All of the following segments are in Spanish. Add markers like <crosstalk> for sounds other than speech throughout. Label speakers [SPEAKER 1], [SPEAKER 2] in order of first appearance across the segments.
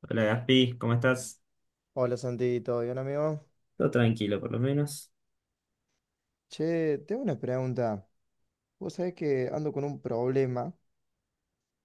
[SPEAKER 1] Hola Gaspi, ¿cómo estás?
[SPEAKER 2] Hola Santi, ¿todo bien amigo?
[SPEAKER 1] Todo tranquilo, por lo menos.
[SPEAKER 2] Che, tengo una pregunta. Vos sabés que ando con un problema,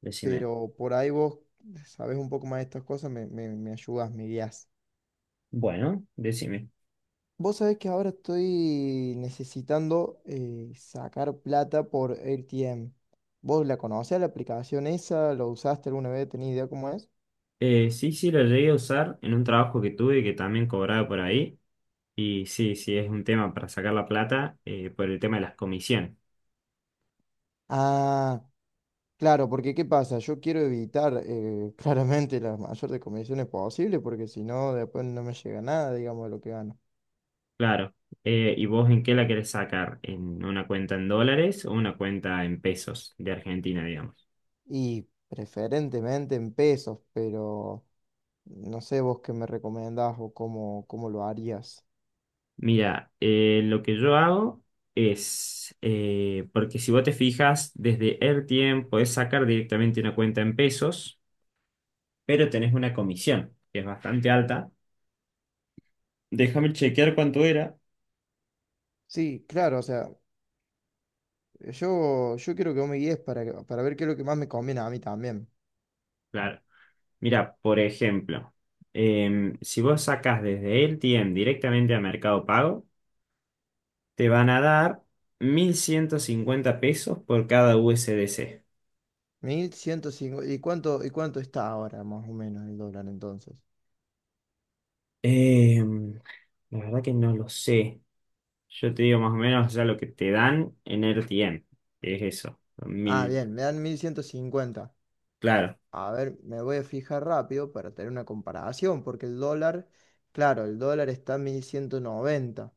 [SPEAKER 1] Decime.
[SPEAKER 2] pero por ahí vos sabés un poco más de estas cosas, me ayudás, me guías.
[SPEAKER 1] Bueno, decime.
[SPEAKER 2] ¿Vos sabés que ahora estoy necesitando sacar plata por ATM? ¿Vos la conocés la aplicación esa? ¿Lo usaste alguna vez? ¿Tenés idea cómo es?
[SPEAKER 1] Sí, sí, lo llegué a usar en un trabajo que tuve que también cobraba por ahí. Y sí, sí, es un tema para sacar la plata, por el tema de las comisiones.
[SPEAKER 2] Ah, claro, porque ¿qué pasa? Yo quiero evitar <laughs> claramente la mayor de comisiones posible, porque si no, después no me llega nada, digamos, de lo que gano.
[SPEAKER 1] Claro. ¿Y vos en qué la querés sacar? ¿En una cuenta en dólares o una cuenta en pesos de Argentina, digamos?
[SPEAKER 2] Y preferentemente en pesos, pero no sé vos qué me recomendás o cómo lo harías.
[SPEAKER 1] Mira, lo que yo hago es, porque si vos te fijas, desde el tiempo podés sacar directamente una cuenta en pesos. Pero tenés una comisión que es bastante alta. Déjame chequear cuánto era.
[SPEAKER 2] Sí, claro, o sea, yo quiero que vos me guíes para, para ver qué es lo que más me conviene a mí también.
[SPEAKER 1] Claro. Mira, por ejemplo, si vos sacás desde el LTM directamente a Mercado Pago, te van a dar 1.150 pesos por cada USDC.
[SPEAKER 2] 1150, y cuánto está ahora más o menos el dólar entonces?
[SPEAKER 1] Em, la verdad que no lo sé. Yo te digo más o menos ya lo que te dan en RTM, que es eso.
[SPEAKER 2] Ah,
[SPEAKER 1] Mil,
[SPEAKER 2] bien, me dan 1150.
[SPEAKER 1] claro,
[SPEAKER 2] A ver, me voy a fijar rápido para tener una comparación, porque el dólar, claro, el dólar está en 1190.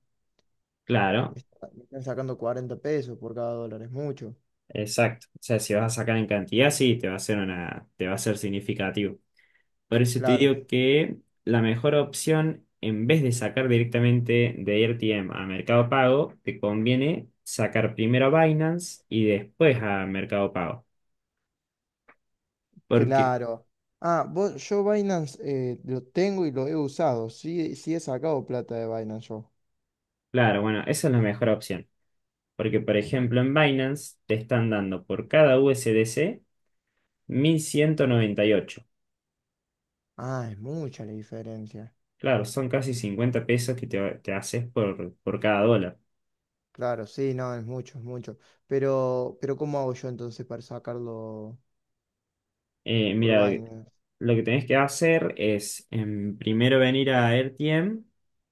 [SPEAKER 2] Me
[SPEAKER 1] claro,
[SPEAKER 2] me están sacando 40 pesos por cada dólar, es mucho.
[SPEAKER 1] exacto. O sea, si vas a sacar en cantidad, sí, te va a ser significativo. Por eso te
[SPEAKER 2] Claro,
[SPEAKER 1] digo que la mejor opción, en vez de sacar directamente de RTM a Mercado Pago, te conviene sacar primero a Binance y después a Mercado Pago. Porque,
[SPEAKER 2] claro. Ah, vos, yo Binance lo tengo y lo he usado. Sí, sí he sacado plata de Binance yo.
[SPEAKER 1] claro, bueno, esa es la mejor opción. Porque, por ejemplo, en Binance te están dando por cada USDC ocho.
[SPEAKER 2] Ah, es mucha la diferencia.
[SPEAKER 1] Claro, son casi 50 pesos que te haces por cada dólar.
[SPEAKER 2] Claro, sí, no, es mucho, es mucho. Pero ¿cómo hago yo entonces para sacarlo por
[SPEAKER 1] Mira,
[SPEAKER 2] Binance?
[SPEAKER 1] lo que tenés que hacer es primero venir a RTM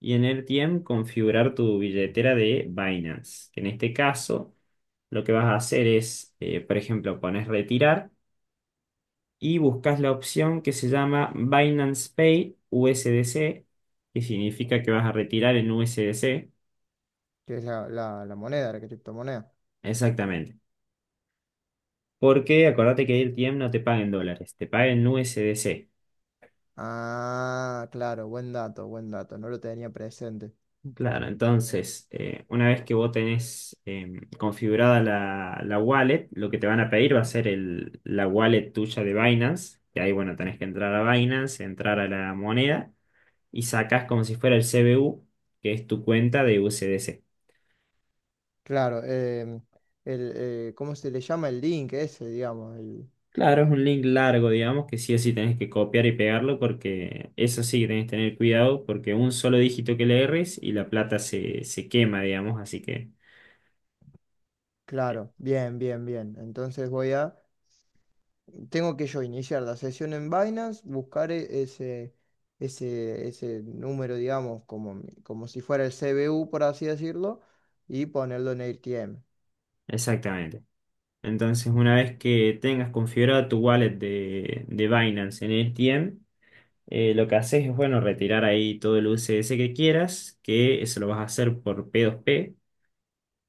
[SPEAKER 1] y en RTM configurar tu billetera de Binance. Que En este caso, lo que vas a hacer es, por ejemplo, pones retirar y buscas la opción que se llama Binance Pay USDC, que significa que vas a retirar en USDC.
[SPEAKER 2] Que es la moneda, la criptomoneda.
[SPEAKER 1] Exactamente. Porque acordate que RTM no te paga en dólares, te paga en USDC.
[SPEAKER 2] Ah, claro, buen dato, buen dato. No lo tenía presente.
[SPEAKER 1] Claro, entonces, una vez que vos tenés configurada la wallet, lo que te van a pedir va a ser el, la wallet tuya de Binance, que ahí, bueno, tenés que entrar a Binance, entrar a la moneda y sacás como si fuera el CBU, que es tu cuenta de USDC.
[SPEAKER 2] Claro, ¿cómo se le llama el link ese, digamos?
[SPEAKER 1] Claro, es un link largo, digamos, que sí o sí tenés que copiar y pegarlo porque eso sí que tenés que tener cuidado porque un solo dígito que le erres y la plata se quema, digamos, así que,
[SPEAKER 2] Claro, bien, bien, bien. Entonces voy a Tengo que yo iniciar la sesión en Binance, buscar ese número, digamos, como, como si fuera el CBU, por así decirlo, y ponerlo en AirTM.
[SPEAKER 1] exactamente. Entonces, una vez que tengas configurado tu wallet de Binance en ETM, lo que haces es, bueno, retirar ahí todo el USDC que quieras, que eso lo vas a hacer por P2P.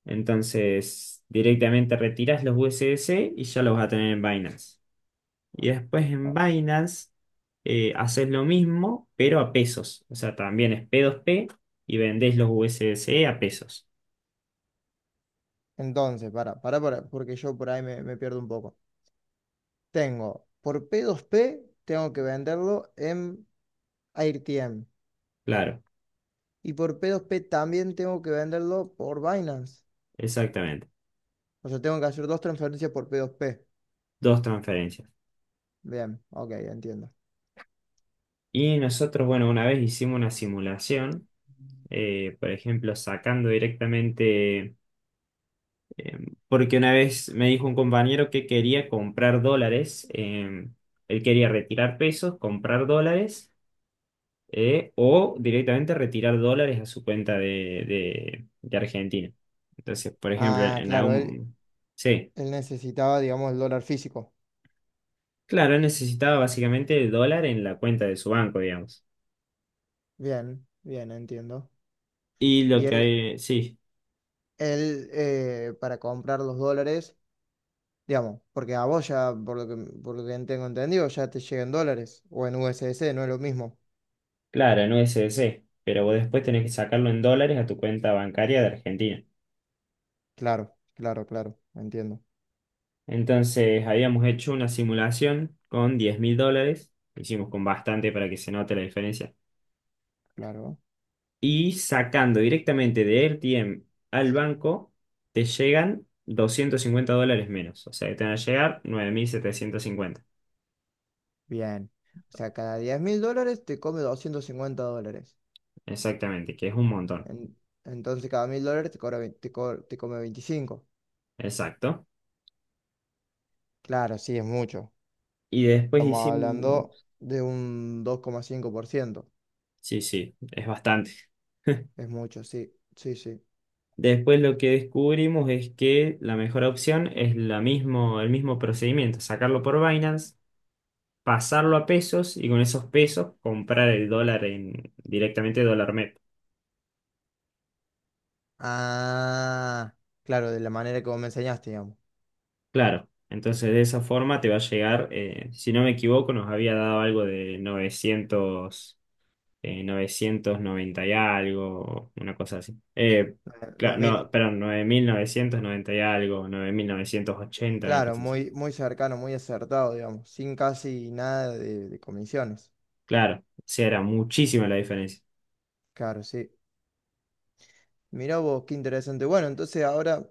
[SPEAKER 1] Entonces, directamente retiras los USDC y ya los vas a tener en Binance. Y después en
[SPEAKER 2] O-
[SPEAKER 1] Binance, haces lo mismo, pero a pesos. O sea, también es P2P y vendés los USDC a pesos.
[SPEAKER 2] Entonces, para, porque yo por ahí me pierdo un poco. Por P2P tengo que venderlo en AirTM.
[SPEAKER 1] Claro,
[SPEAKER 2] Y por P2P también tengo que venderlo por Binance.
[SPEAKER 1] exactamente.
[SPEAKER 2] O sea, tengo que hacer dos transferencias por P2P.
[SPEAKER 1] Dos transferencias.
[SPEAKER 2] Bien, ok, entiendo.
[SPEAKER 1] Y nosotros, bueno, una vez hicimos una simulación, por ejemplo, sacando directamente, eh, porque una vez me dijo un compañero que quería comprar dólares, él quería retirar pesos, comprar dólares, o directamente retirar dólares a su cuenta de Argentina. Entonces, por ejemplo,
[SPEAKER 2] Ah,
[SPEAKER 1] en
[SPEAKER 2] claro,
[SPEAKER 1] algún... Sí,
[SPEAKER 2] él necesitaba, digamos, el dólar físico.
[SPEAKER 1] claro, él necesitaba básicamente el dólar en la cuenta de su banco, digamos.
[SPEAKER 2] Bien, bien, entiendo.
[SPEAKER 1] Y lo
[SPEAKER 2] Y
[SPEAKER 1] que
[SPEAKER 2] él,
[SPEAKER 1] hay, sí.
[SPEAKER 2] él eh, para comprar los dólares, digamos, porque a vos ya, por lo que tengo entendido, ya te llegan dólares o en USDC, no es lo mismo.
[SPEAKER 1] Claro, en USDC, pero vos después tenés que sacarlo en dólares a tu cuenta bancaria de Argentina.
[SPEAKER 2] Claro, claro, claro, entiendo,
[SPEAKER 1] Entonces habíamos hecho una simulación con 10.000 dólares, lo hicimos con bastante para que se note la diferencia.
[SPEAKER 2] claro.
[SPEAKER 1] Y sacando directamente de RTM al banco, te llegan 250 dólares menos, o sea que te van a llegar 9.750,
[SPEAKER 2] Bien. O sea, cada 10.000 dólares te come 250 dólares.
[SPEAKER 1] exactamente, que es un montón,
[SPEAKER 2] En- entonces, cada 1000 dólares te, cobra vein- te, co- te come 25.
[SPEAKER 1] exacto.
[SPEAKER 2] Claro, sí, es mucho.
[SPEAKER 1] Y después
[SPEAKER 2] Estamos hablando
[SPEAKER 1] hicimos,
[SPEAKER 2] de un 2,5%.
[SPEAKER 1] sí, sí, es bastante.
[SPEAKER 2] Es mucho, sí, sí, sí.
[SPEAKER 1] Después lo que descubrimos es que la mejor opción es la mismo, el mismo procedimiento, sacarlo por Binance, pasarlo a pesos y con esos pesos comprar el dólar directamente dólar MEP.
[SPEAKER 2] Ah, claro, de la manera como me enseñaste, digamos.
[SPEAKER 1] Claro, entonces de esa forma te va a llegar, si no me equivoco, nos había dado algo de 990 y algo, una cosa así.
[SPEAKER 2] Nueve
[SPEAKER 1] Claro,
[SPEAKER 2] mil
[SPEAKER 1] no, perdón, 9.990 y algo, 9.980 una
[SPEAKER 2] Claro,
[SPEAKER 1] cosa así.
[SPEAKER 2] muy, muy cercano, muy acertado, digamos, sin casi nada de comisiones.
[SPEAKER 1] Claro, o sea, era muchísima la diferencia.
[SPEAKER 2] Claro, sí. Mirá vos, qué interesante. Bueno, entonces ahora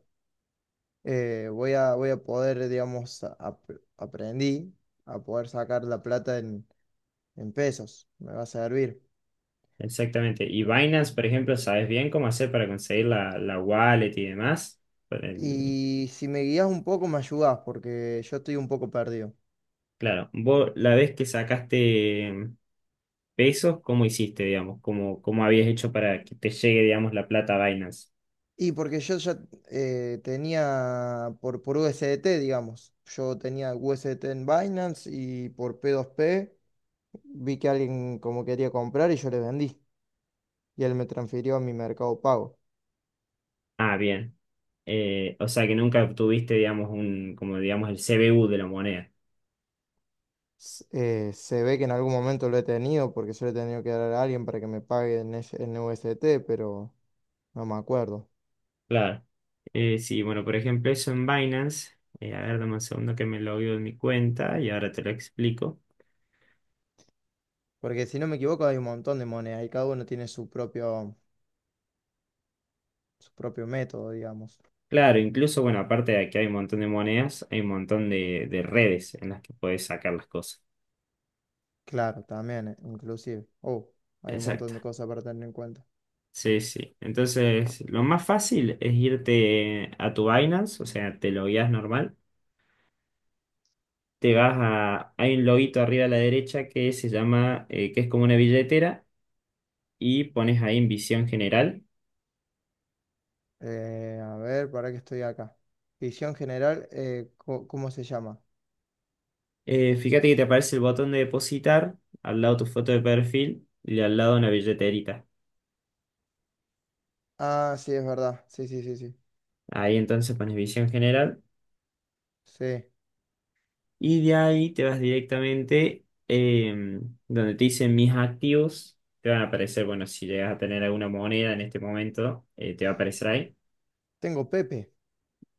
[SPEAKER 2] voy a poder, digamos, aprendí a poder sacar la plata en pesos. Me va a servir.
[SPEAKER 1] Exactamente. Y Binance, por ejemplo, ¿sabes bien cómo hacer para conseguir la wallet y demás? Por el-
[SPEAKER 2] Y si me guías un poco, me ayudás, porque yo estoy un poco perdido.
[SPEAKER 1] Claro, vos la vez que sacaste pesos, ¿cómo hiciste, digamos? ¿Cómo habías hecho para que te llegue, digamos, la plata a Binance?
[SPEAKER 2] Y porque yo ya tenía por USDT, digamos. Yo tenía USDT en Binance y por P2P vi que alguien como quería comprar y yo le vendí. Y él me transfirió a mi Mercado Pago.
[SPEAKER 1] Ah, bien. O sea que nunca obtuviste, digamos, un, como digamos, el CBU de la moneda.
[SPEAKER 2] Se ve que en algún momento lo he tenido porque se lo he tenido que dar a alguien para que me pague en USDT, pero no me acuerdo.
[SPEAKER 1] Claro. Sí, bueno, por ejemplo, eso en Binance. A ver, dame un segundo que me logueo en mi cuenta y ahora te lo explico.
[SPEAKER 2] Porque si no me equivoco hay un montón de monedas y cada uno tiene su propio método, digamos.
[SPEAKER 1] Claro, incluso, bueno, aparte de que hay un montón de monedas, hay un montón de redes en las que podés sacar las cosas.
[SPEAKER 2] Claro, también, inclusive. Oh, hay un montón
[SPEAKER 1] Exacto.
[SPEAKER 2] de cosas para tener en cuenta.
[SPEAKER 1] Sí, sí. Entonces, lo más fácil es irte a tu Binance, o sea, te logueas normal. Te vas a. Hay un loguito arriba a la derecha que se llama, que es como una billetera, y pones ahí en visión general.
[SPEAKER 2] A ver, para que estoy acá. Ficción general, ¿cómo se llama?
[SPEAKER 1] Fíjate que te aparece el botón de depositar, al lado tu foto de perfil y al lado una billeterita.
[SPEAKER 2] Ah, sí, es verdad. Sí, sí, sí, sí.
[SPEAKER 1] Ahí entonces pones visión general.
[SPEAKER 2] Sí.
[SPEAKER 1] Y de ahí te vas directamente donde te dicen mis activos. Te van a aparecer, bueno, si llegas a tener alguna moneda en este momento, te va a aparecer ahí.
[SPEAKER 2] Tengo Pepe.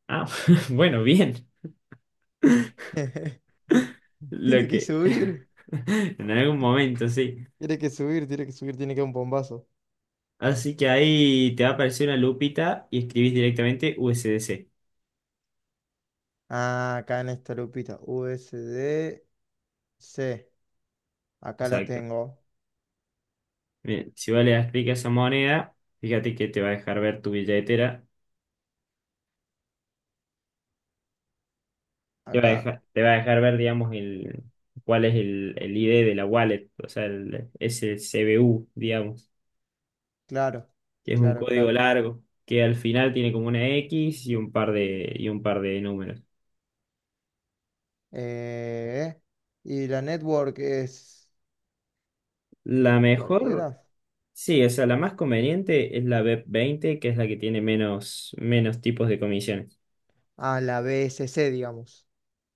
[SPEAKER 1] Ah, <laughs> bueno, bien.
[SPEAKER 2] <laughs>
[SPEAKER 1] Lo
[SPEAKER 2] Tiene que
[SPEAKER 1] que.
[SPEAKER 2] subir.
[SPEAKER 1] <laughs> En algún momento, sí.
[SPEAKER 2] Tiene que subir, tiene que subir, tiene que dar un bombazo.
[SPEAKER 1] Así que ahí te va a aparecer una lupita y escribís directamente USDC.
[SPEAKER 2] Ah, acá en esta lupita. USDC. Acá la
[SPEAKER 1] Exacto.
[SPEAKER 2] tengo.
[SPEAKER 1] Bien, si vos le das clic a esa moneda, fíjate que te va a dejar ver tu billetera. Te va a
[SPEAKER 2] Acá.
[SPEAKER 1] dejar, te va a dejar ver, digamos, el, cuál es el ID de la wallet, o sea, el, ese CBU, digamos,
[SPEAKER 2] Claro,
[SPEAKER 1] que es un
[SPEAKER 2] claro,
[SPEAKER 1] código
[SPEAKER 2] claro.
[SPEAKER 1] largo, que al final tiene como una X y un par de números.
[SPEAKER 2] Eh, y la network es.
[SPEAKER 1] La mejor,
[SPEAKER 2] ¿Cualquiera?
[SPEAKER 1] sí, o sea, la más conveniente es la BEP-20 que es la que tiene menos tipos de comisiones.
[SPEAKER 2] Ah, la BSC, digamos.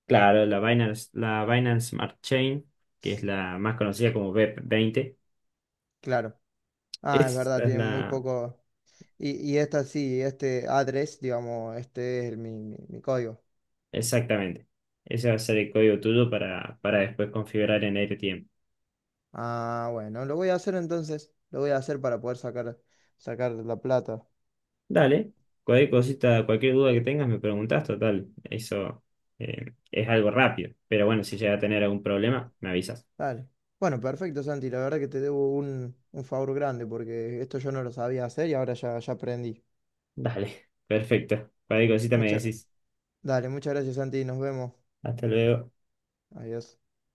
[SPEAKER 1] Claro, la Binance Smart Chain, que es la más conocida como BEP-20.
[SPEAKER 2] Claro. Ah, es
[SPEAKER 1] Esa
[SPEAKER 2] verdad,
[SPEAKER 1] es
[SPEAKER 2] tiene muy
[SPEAKER 1] la,
[SPEAKER 2] poco. Y esta sí, este address, digamos, este es el- mi- mi código.
[SPEAKER 1] Exactamente. Ese va a ser el código tuyo para después configurar en AirTM.
[SPEAKER 2] Ah, bueno, lo voy a hacer entonces. Lo voy a hacer para poder sacar la plata.
[SPEAKER 1] Dale, cualquier cosita, cualquier duda que tengas me preguntas, total. Eso es algo rápido. Pero bueno, si llega a tener algún problema, me avisas.
[SPEAKER 2] Dale. Bueno, perfecto, Santi. La verdad que te debo un favor grande porque esto yo no lo sabía hacer y ahora ya, ya aprendí.
[SPEAKER 1] Dale, <laughs> perfecto. Cualquier cosita me
[SPEAKER 2] Mucha-
[SPEAKER 1] decís.
[SPEAKER 2] Dale, muchas gracias, Santi. Nos vemos.
[SPEAKER 1] Hasta luego.
[SPEAKER 2] Adiós.